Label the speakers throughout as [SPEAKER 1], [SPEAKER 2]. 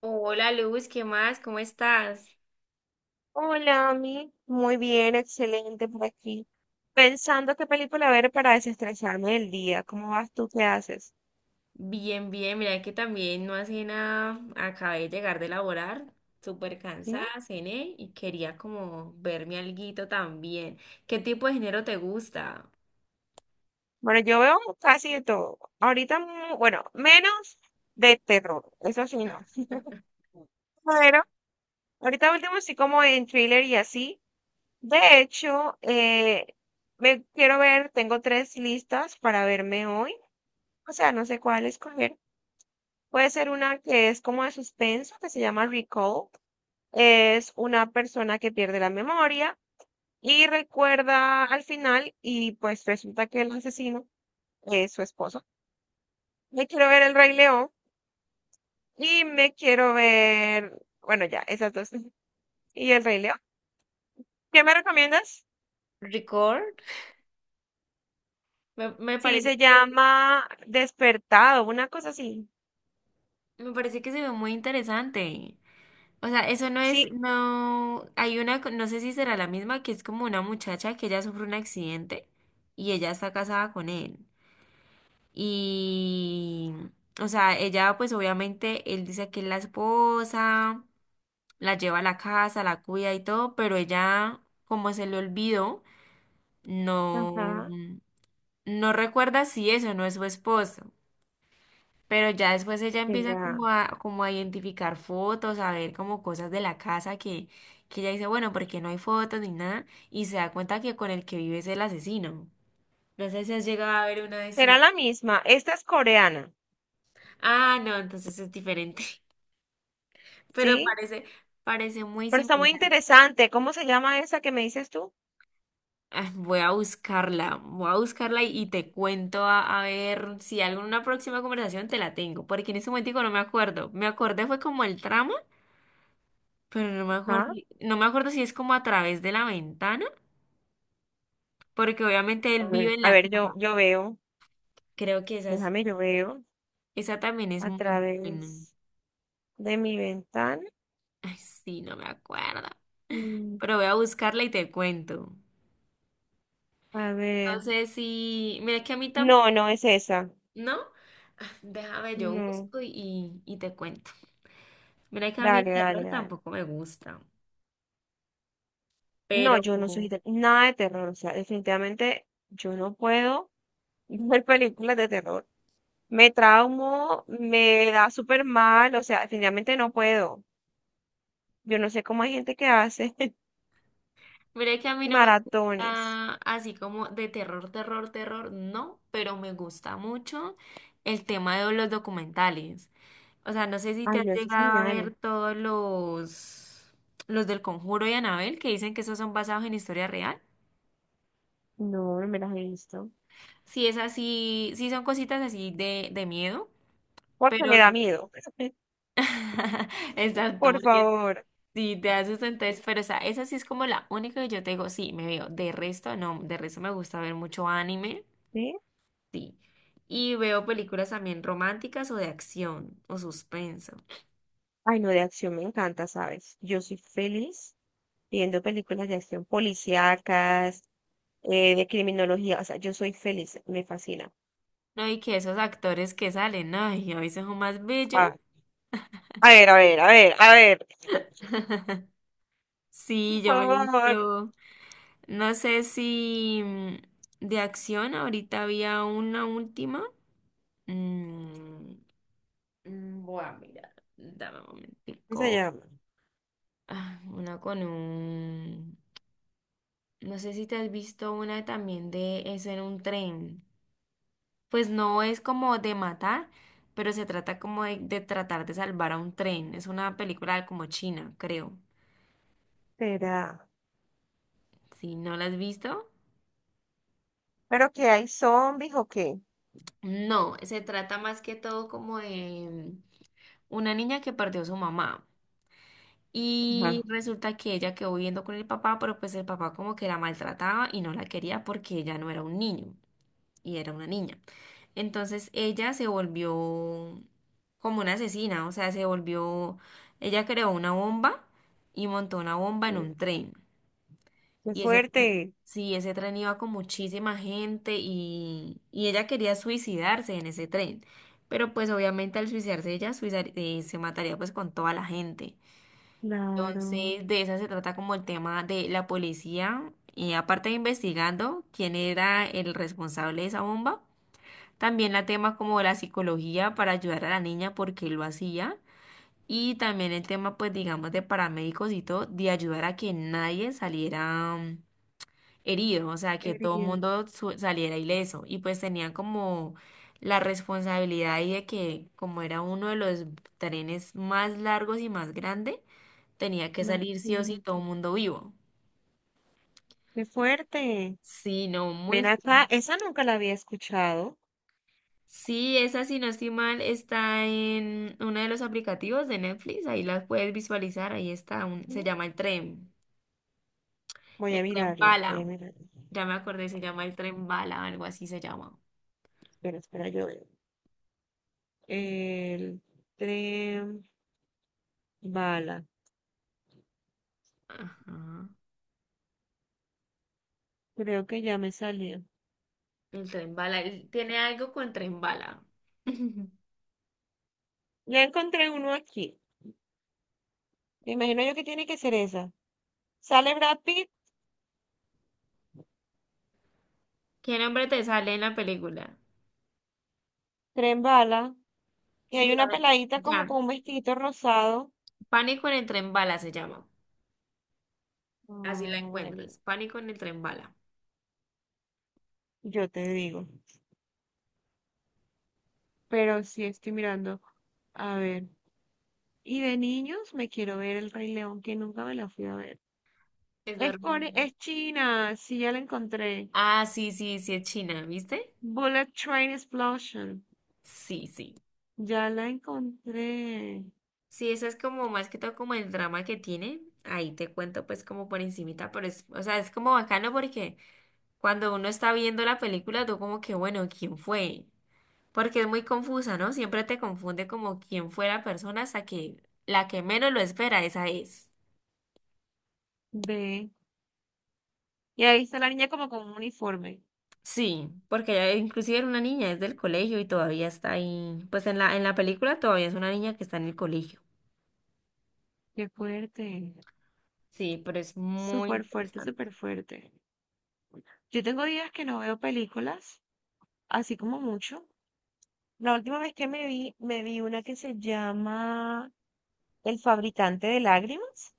[SPEAKER 1] Hola Luz, ¿qué más? ¿Cómo estás?
[SPEAKER 2] Hola, Ami. Muy bien, excelente por aquí. Pensando qué película ver para desestresarme del día. ¿Cómo vas tú? ¿Qué haces?
[SPEAKER 1] Bien, bien, mira que también no hace nada, acabé de llegar de laborar, súper
[SPEAKER 2] ¿Sí?
[SPEAKER 1] cansada, cené y quería como verme alguito también. ¿Qué tipo de género te gusta?
[SPEAKER 2] Bueno, yo veo casi de todo. Ahorita, menos de terror. Eso sí, no. Pero ahorita último sí como en thriller y así. De hecho, me quiero ver, tengo tres listas para verme hoy. O sea, no sé cuál escoger. Puede ser una que es como de suspenso, que se llama Recall. Es una persona que pierde la memoria y recuerda al final y pues resulta que el asesino es su esposo. Me quiero ver El Rey León y me quiero ver, bueno, ya, esas dos. Y El Rey León. ¿Qué me recomiendas?
[SPEAKER 1] ¿Record? Me
[SPEAKER 2] Sí,
[SPEAKER 1] parece
[SPEAKER 2] se
[SPEAKER 1] que,
[SPEAKER 2] llama Despertado, una cosa así.
[SPEAKER 1] me parece que se ve muy interesante. O sea, eso no
[SPEAKER 2] Sí,
[SPEAKER 1] es, no, hay una, no sé si será la misma, que es como una muchacha que ella sufre un accidente y ella está casada con él. Y, o sea, ella pues obviamente, él dice que es la esposa, la lleva a la casa, la cuida y todo, pero ella, como se le olvidó, no,
[SPEAKER 2] ajá,
[SPEAKER 1] no recuerda si eso no es su esposo. Pero ya después ella empieza
[SPEAKER 2] será.
[SPEAKER 1] como a identificar fotos, a ver como cosas de la casa que ella dice, bueno, porque no hay fotos ni nada, y se da cuenta que con el que vive es el asesino. No sé si has llegado a ver una de
[SPEAKER 2] Será
[SPEAKER 1] sí.
[SPEAKER 2] la misma. Esta es coreana,
[SPEAKER 1] Ah, no, entonces es diferente. Pero
[SPEAKER 2] ¿sí?
[SPEAKER 1] parece muy
[SPEAKER 2] Pero está muy
[SPEAKER 1] similar.
[SPEAKER 2] interesante. ¿Cómo se llama esa que me dices tú?
[SPEAKER 1] Ah, voy a buscarla y te cuento a ver si alguna próxima conversación te la tengo, porque en ese momento no me acuerdo. Me acordé fue como el tramo, pero no me acuerdo,
[SPEAKER 2] Ajá.
[SPEAKER 1] no me acuerdo si es como a través de la ventana, porque obviamente él vive en
[SPEAKER 2] A
[SPEAKER 1] la
[SPEAKER 2] ver, yo,
[SPEAKER 1] casa.
[SPEAKER 2] yo veo.
[SPEAKER 1] Creo que esa,
[SPEAKER 2] Déjame, yo veo
[SPEAKER 1] esa también es
[SPEAKER 2] a
[SPEAKER 1] muy buena.
[SPEAKER 2] través de mi ventana.
[SPEAKER 1] Ay, sí, no me acuerdo,
[SPEAKER 2] Mm.
[SPEAKER 1] pero voy a buscarla y te cuento.
[SPEAKER 2] A
[SPEAKER 1] No
[SPEAKER 2] ver.
[SPEAKER 1] sé si, mira que a mí tampoco.
[SPEAKER 2] No, no es esa.
[SPEAKER 1] ¿No? Ah, déjame, yo
[SPEAKER 2] No.
[SPEAKER 1] busco y te cuento. Mira que a mí el
[SPEAKER 2] Dale, dale,
[SPEAKER 1] terror
[SPEAKER 2] dale.
[SPEAKER 1] tampoco me gusta,
[SPEAKER 2] No,
[SPEAKER 1] pero
[SPEAKER 2] yo no soy de- nada de terror. O sea, definitivamente yo no puedo ver películas de terror. Me traumo, me da súper mal. O sea, definitivamente no puedo. Yo no sé cómo hay gente que hace
[SPEAKER 1] mira que a mí no me
[SPEAKER 2] maratones.
[SPEAKER 1] gusta así como de terror, terror, terror, no, pero me gusta mucho el tema de los documentales. O sea, no sé si te
[SPEAKER 2] Ay,
[SPEAKER 1] has
[SPEAKER 2] no, eso es
[SPEAKER 1] llegado a
[SPEAKER 2] genial.
[SPEAKER 1] ver todos los del Conjuro y Anabel que dicen que esos son basados en historia real.
[SPEAKER 2] No, no me las he visto.
[SPEAKER 1] Si es así, sí son cositas así de miedo,
[SPEAKER 2] Porque
[SPEAKER 1] pero
[SPEAKER 2] me da
[SPEAKER 1] no.
[SPEAKER 2] miedo.
[SPEAKER 1] Exacto,
[SPEAKER 2] Por
[SPEAKER 1] porque
[SPEAKER 2] favor.
[SPEAKER 1] sí, te haces entonces, pero o sea, esa sí es como la única que yo te digo, sí, me veo. De resto, no, de resto me gusta ver mucho anime,
[SPEAKER 2] ¿Sí?
[SPEAKER 1] sí. Y veo películas también románticas o de acción o suspenso.
[SPEAKER 2] Ay, no, de acción me encanta, ¿sabes? Yo soy feliz viendo películas de acción policíacas, de criminología, o sea, yo soy feliz, me fascina.
[SPEAKER 1] No, y que esos actores que salen, no, y a veces son más bellos.
[SPEAKER 2] Ah, a ver, a ver, a ver, a ver. Por
[SPEAKER 1] Sí, yo me he
[SPEAKER 2] favor,
[SPEAKER 1] visto, no sé si de acción, ahorita había una última. Mm, Voy a mirar, dame un
[SPEAKER 2] ¿cómo se
[SPEAKER 1] momentico.
[SPEAKER 2] llama?
[SPEAKER 1] Ah, una con un... No sé si te has visto una también de eso en un tren. Pues no es como de matar, pero se trata como de tratar de salvar a un tren. Es una película como china, creo.
[SPEAKER 2] Será.
[SPEAKER 1] Si no la has visto,
[SPEAKER 2] ¿Pero que hay zombies o qué?
[SPEAKER 1] no, se trata más que todo como de una niña que perdió a su mamá. Y
[SPEAKER 2] Ajá.
[SPEAKER 1] resulta que ella quedó viviendo con el papá, pero pues el papá como que la maltrataba y no la quería porque ella no era un niño. Y era una niña. Entonces ella se volvió como una asesina, o sea, se volvió, ella creó una bomba y montó una bomba en un tren.
[SPEAKER 2] Qué
[SPEAKER 1] Y ese tren,
[SPEAKER 2] fuerte.
[SPEAKER 1] sí, ese tren iba con muchísima gente y ella quería suicidarse en ese tren. Pero pues obviamente al suicidarse ella se mataría pues con toda la gente.
[SPEAKER 2] Claro,
[SPEAKER 1] Entonces, de esa se trata como el tema de la policía, aparte de investigando quién era el responsable de esa bomba, también la tema como de la psicología para ayudar a la niña porque lo hacía. Y también el tema, pues digamos, de paramédicos y todo, de ayudar a que nadie saliera herido, o sea, que todo el
[SPEAKER 2] herido.
[SPEAKER 1] mundo saliera ileso. Y pues tenían como la responsabilidad ahí de que como era uno de los trenes más largos y más grande, tenía que
[SPEAKER 2] No,
[SPEAKER 1] salir sí o sí todo el
[SPEAKER 2] imagínate.
[SPEAKER 1] mundo vivo.
[SPEAKER 2] Qué fuerte.
[SPEAKER 1] Sí, no, muy
[SPEAKER 2] Ven acá,
[SPEAKER 1] fuerte.
[SPEAKER 2] esa nunca la había escuchado.
[SPEAKER 1] Sí, esa, si no estoy mal, está en uno de los aplicativos de Netflix. Ahí las puedes visualizar. Ahí está. Se llama el
[SPEAKER 2] Mm.
[SPEAKER 1] tren.
[SPEAKER 2] Voy
[SPEAKER 1] El
[SPEAKER 2] a
[SPEAKER 1] tren
[SPEAKER 2] mirarla, voy
[SPEAKER 1] bala.
[SPEAKER 2] a mirarla.
[SPEAKER 1] Ya me acordé, se llama el tren bala, algo así se llama.
[SPEAKER 2] Espera, espera, yo el tren bala.
[SPEAKER 1] Ajá.
[SPEAKER 2] Creo que ya me salió.
[SPEAKER 1] El tren bala. Él tiene algo con tren bala.
[SPEAKER 2] Ya encontré uno aquí. Me imagino yo que tiene que ser esa. Sale Brad Pitt,
[SPEAKER 1] ¿Qué nombre te sale en la película?
[SPEAKER 2] tren bala. Y
[SPEAKER 1] Sí,
[SPEAKER 2] hay
[SPEAKER 1] a
[SPEAKER 2] una
[SPEAKER 1] ver,
[SPEAKER 2] peladita como
[SPEAKER 1] ya.
[SPEAKER 2] con un vestidito rosado.
[SPEAKER 1] Pánico en el tren bala se llama. Así la
[SPEAKER 2] Ay, amigo,
[SPEAKER 1] encuentras. Pánico en el tren bala.
[SPEAKER 2] yo te digo. Pero sí estoy mirando. A ver. Y de niños me quiero ver El Rey León, que nunca me la fui a ver.
[SPEAKER 1] Es de...
[SPEAKER 2] Es, core- es China. Sí, ya la encontré.
[SPEAKER 1] Ah, sí, sí, sí, es China, ¿viste?
[SPEAKER 2] Bullet Train Explosion.
[SPEAKER 1] Sí, sí.
[SPEAKER 2] Ya la encontré.
[SPEAKER 1] Sí, eso es como más que todo como el drama que tiene. Ahí te cuento pues como por encimita, pero es, o sea, es como bacano porque cuando uno está viendo la película, tú como que, bueno, ¿quién fue? Porque es muy confusa, ¿no? Siempre te confunde como quién fue la persona hasta que la que menos lo espera, esa es.
[SPEAKER 2] Ve. Y ahí está la niña como con un uniforme.
[SPEAKER 1] Sí, porque ella inclusive era una niña, es del colegio y todavía está ahí. Pues en la película todavía es una niña que está en el colegio.
[SPEAKER 2] Qué fuerte.
[SPEAKER 1] Sí, pero es muy
[SPEAKER 2] Súper fuerte,
[SPEAKER 1] interesante.
[SPEAKER 2] súper fuerte. Yo tengo días que no veo películas, así como mucho. La última vez que me vi una que se llama El fabricante de lágrimas.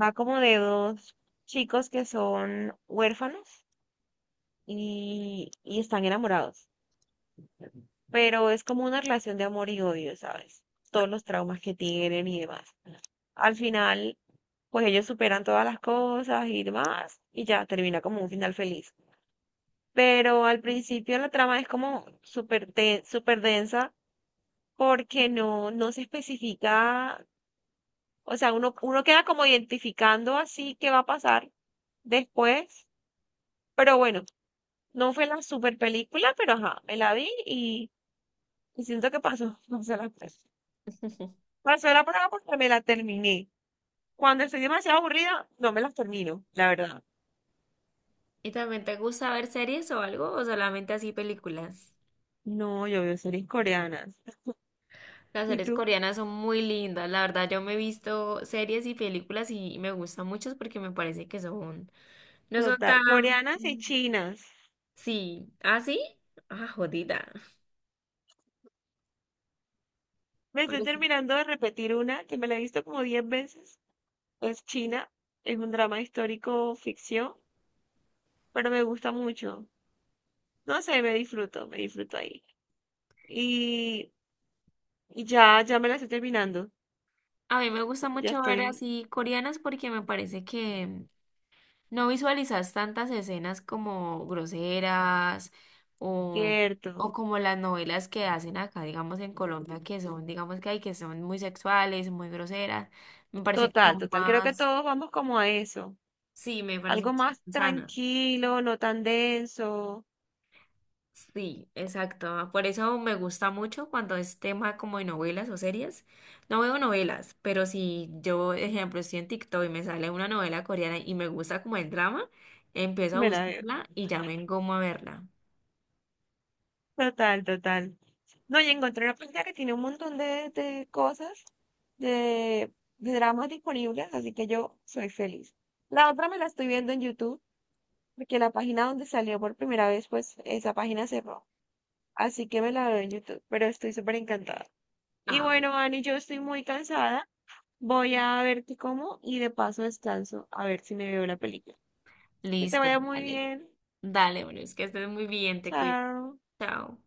[SPEAKER 2] Va como de dos chicos que son huérfanos y están enamorados. Pero es como una relación de amor y odio, ¿sabes? Todos los traumas que tienen y demás. Al final, pues ellos superan todas las cosas y demás, y ya termina como un final feliz. Pero al principio la trama es como súper de- súper densa porque no, no se especifica, o sea, uno queda como identificando así qué va a pasar después, pero bueno, no fue la super película, pero ajá, me la vi y siento que pasó, pasó la prueba. Pasó la prueba porque me la terminé. Cuando estoy demasiado aburrida, no me las termino, la verdad.
[SPEAKER 1] ¿Y también te gusta ver series o algo o solamente así películas?
[SPEAKER 2] No, yo veo series coreanas.
[SPEAKER 1] Las
[SPEAKER 2] Y
[SPEAKER 1] series
[SPEAKER 2] tú,
[SPEAKER 1] coreanas son muy lindas, la verdad yo me he visto series y películas y me gustan muchas porque me parece que son, no son
[SPEAKER 2] total,
[SPEAKER 1] tan,
[SPEAKER 2] coreanas y chinas.
[SPEAKER 1] sí, ¿ah, sí? Ah, jodida.
[SPEAKER 2] Me estoy
[SPEAKER 1] Pero sí.
[SPEAKER 2] terminando de repetir una que me la he visto como 10 veces. Es China, es un drama histórico ficción, pero me gusta mucho. No sé, me disfruto ahí. Y, y ya, ya me la estoy terminando.
[SPEAKER 1] A mí me gusta
[SPEAKER 2] Ya
[SPEAKER 1] mucho ver
[SPEAKER 2] estoy
[SPEAKER 1] así coreanas porque me parece que no visualizas tantas escenas como groseras o, o
[SPEAKER 2] cierto.
[SPEAKER 1] como las novelas que hacen acá, digamos en Colombia, que son, digamos que hay que son muy sexuales, muy groseras. Me parece que
[SPEAKER 2] Total,
[SPEAKER 1] son
[SPEAKER 2] total. Creo que
[SPEAKER 1] más.
[SPEAKER 2] todos vamos como a eso.
[SPEAKER 1] Sí, me parece que
[SPEAKER 2] Algo más
[SPEAKER 1] son sanas.
[SPEAKER 2] tranquilo, no tan denso.
[SPEAKER 1] Sí, exacto. Por eso me gusta mucho cuando es tema como de novelas o series. No veo novelas, pero si yo, ejemplo, estoy en TikTok y me sale una novela coreana y me gusta como el drama, empiezo a
[SPEAKER 2] Me la veo.
[SPEAKER 1] buscarla y ya me engomo a verla.
[SPEAKER 2] Total, total. No, y encontré una página que tiene un montón de cosas, de, de dramas disponibles, así que yo soy feliz. La otra me la estoy viendo en YouTube, porque la página donde salió por primera vez, pues esa página cerró. Así que me la veo en YouTube, pero estoy súper encantada. Y
[SPEAKER 1] Ah,
[SPEAKER 2] bueno, Ani, yo estoy muy cansada. Voy a ver qué como y de paso descanso a ver si me veo la película. Que te
[SPEAKER 1] listo,
[SPEAKER 2] vaya muy
[SPEAKER 1] dale.
[SPEAKER 2] bien.
[SPEAKER 1] Dale, bueno, es que estés muy bien, te cuido.
[SPEAKER 2] Chao.
[SPEAKER 1] Chao.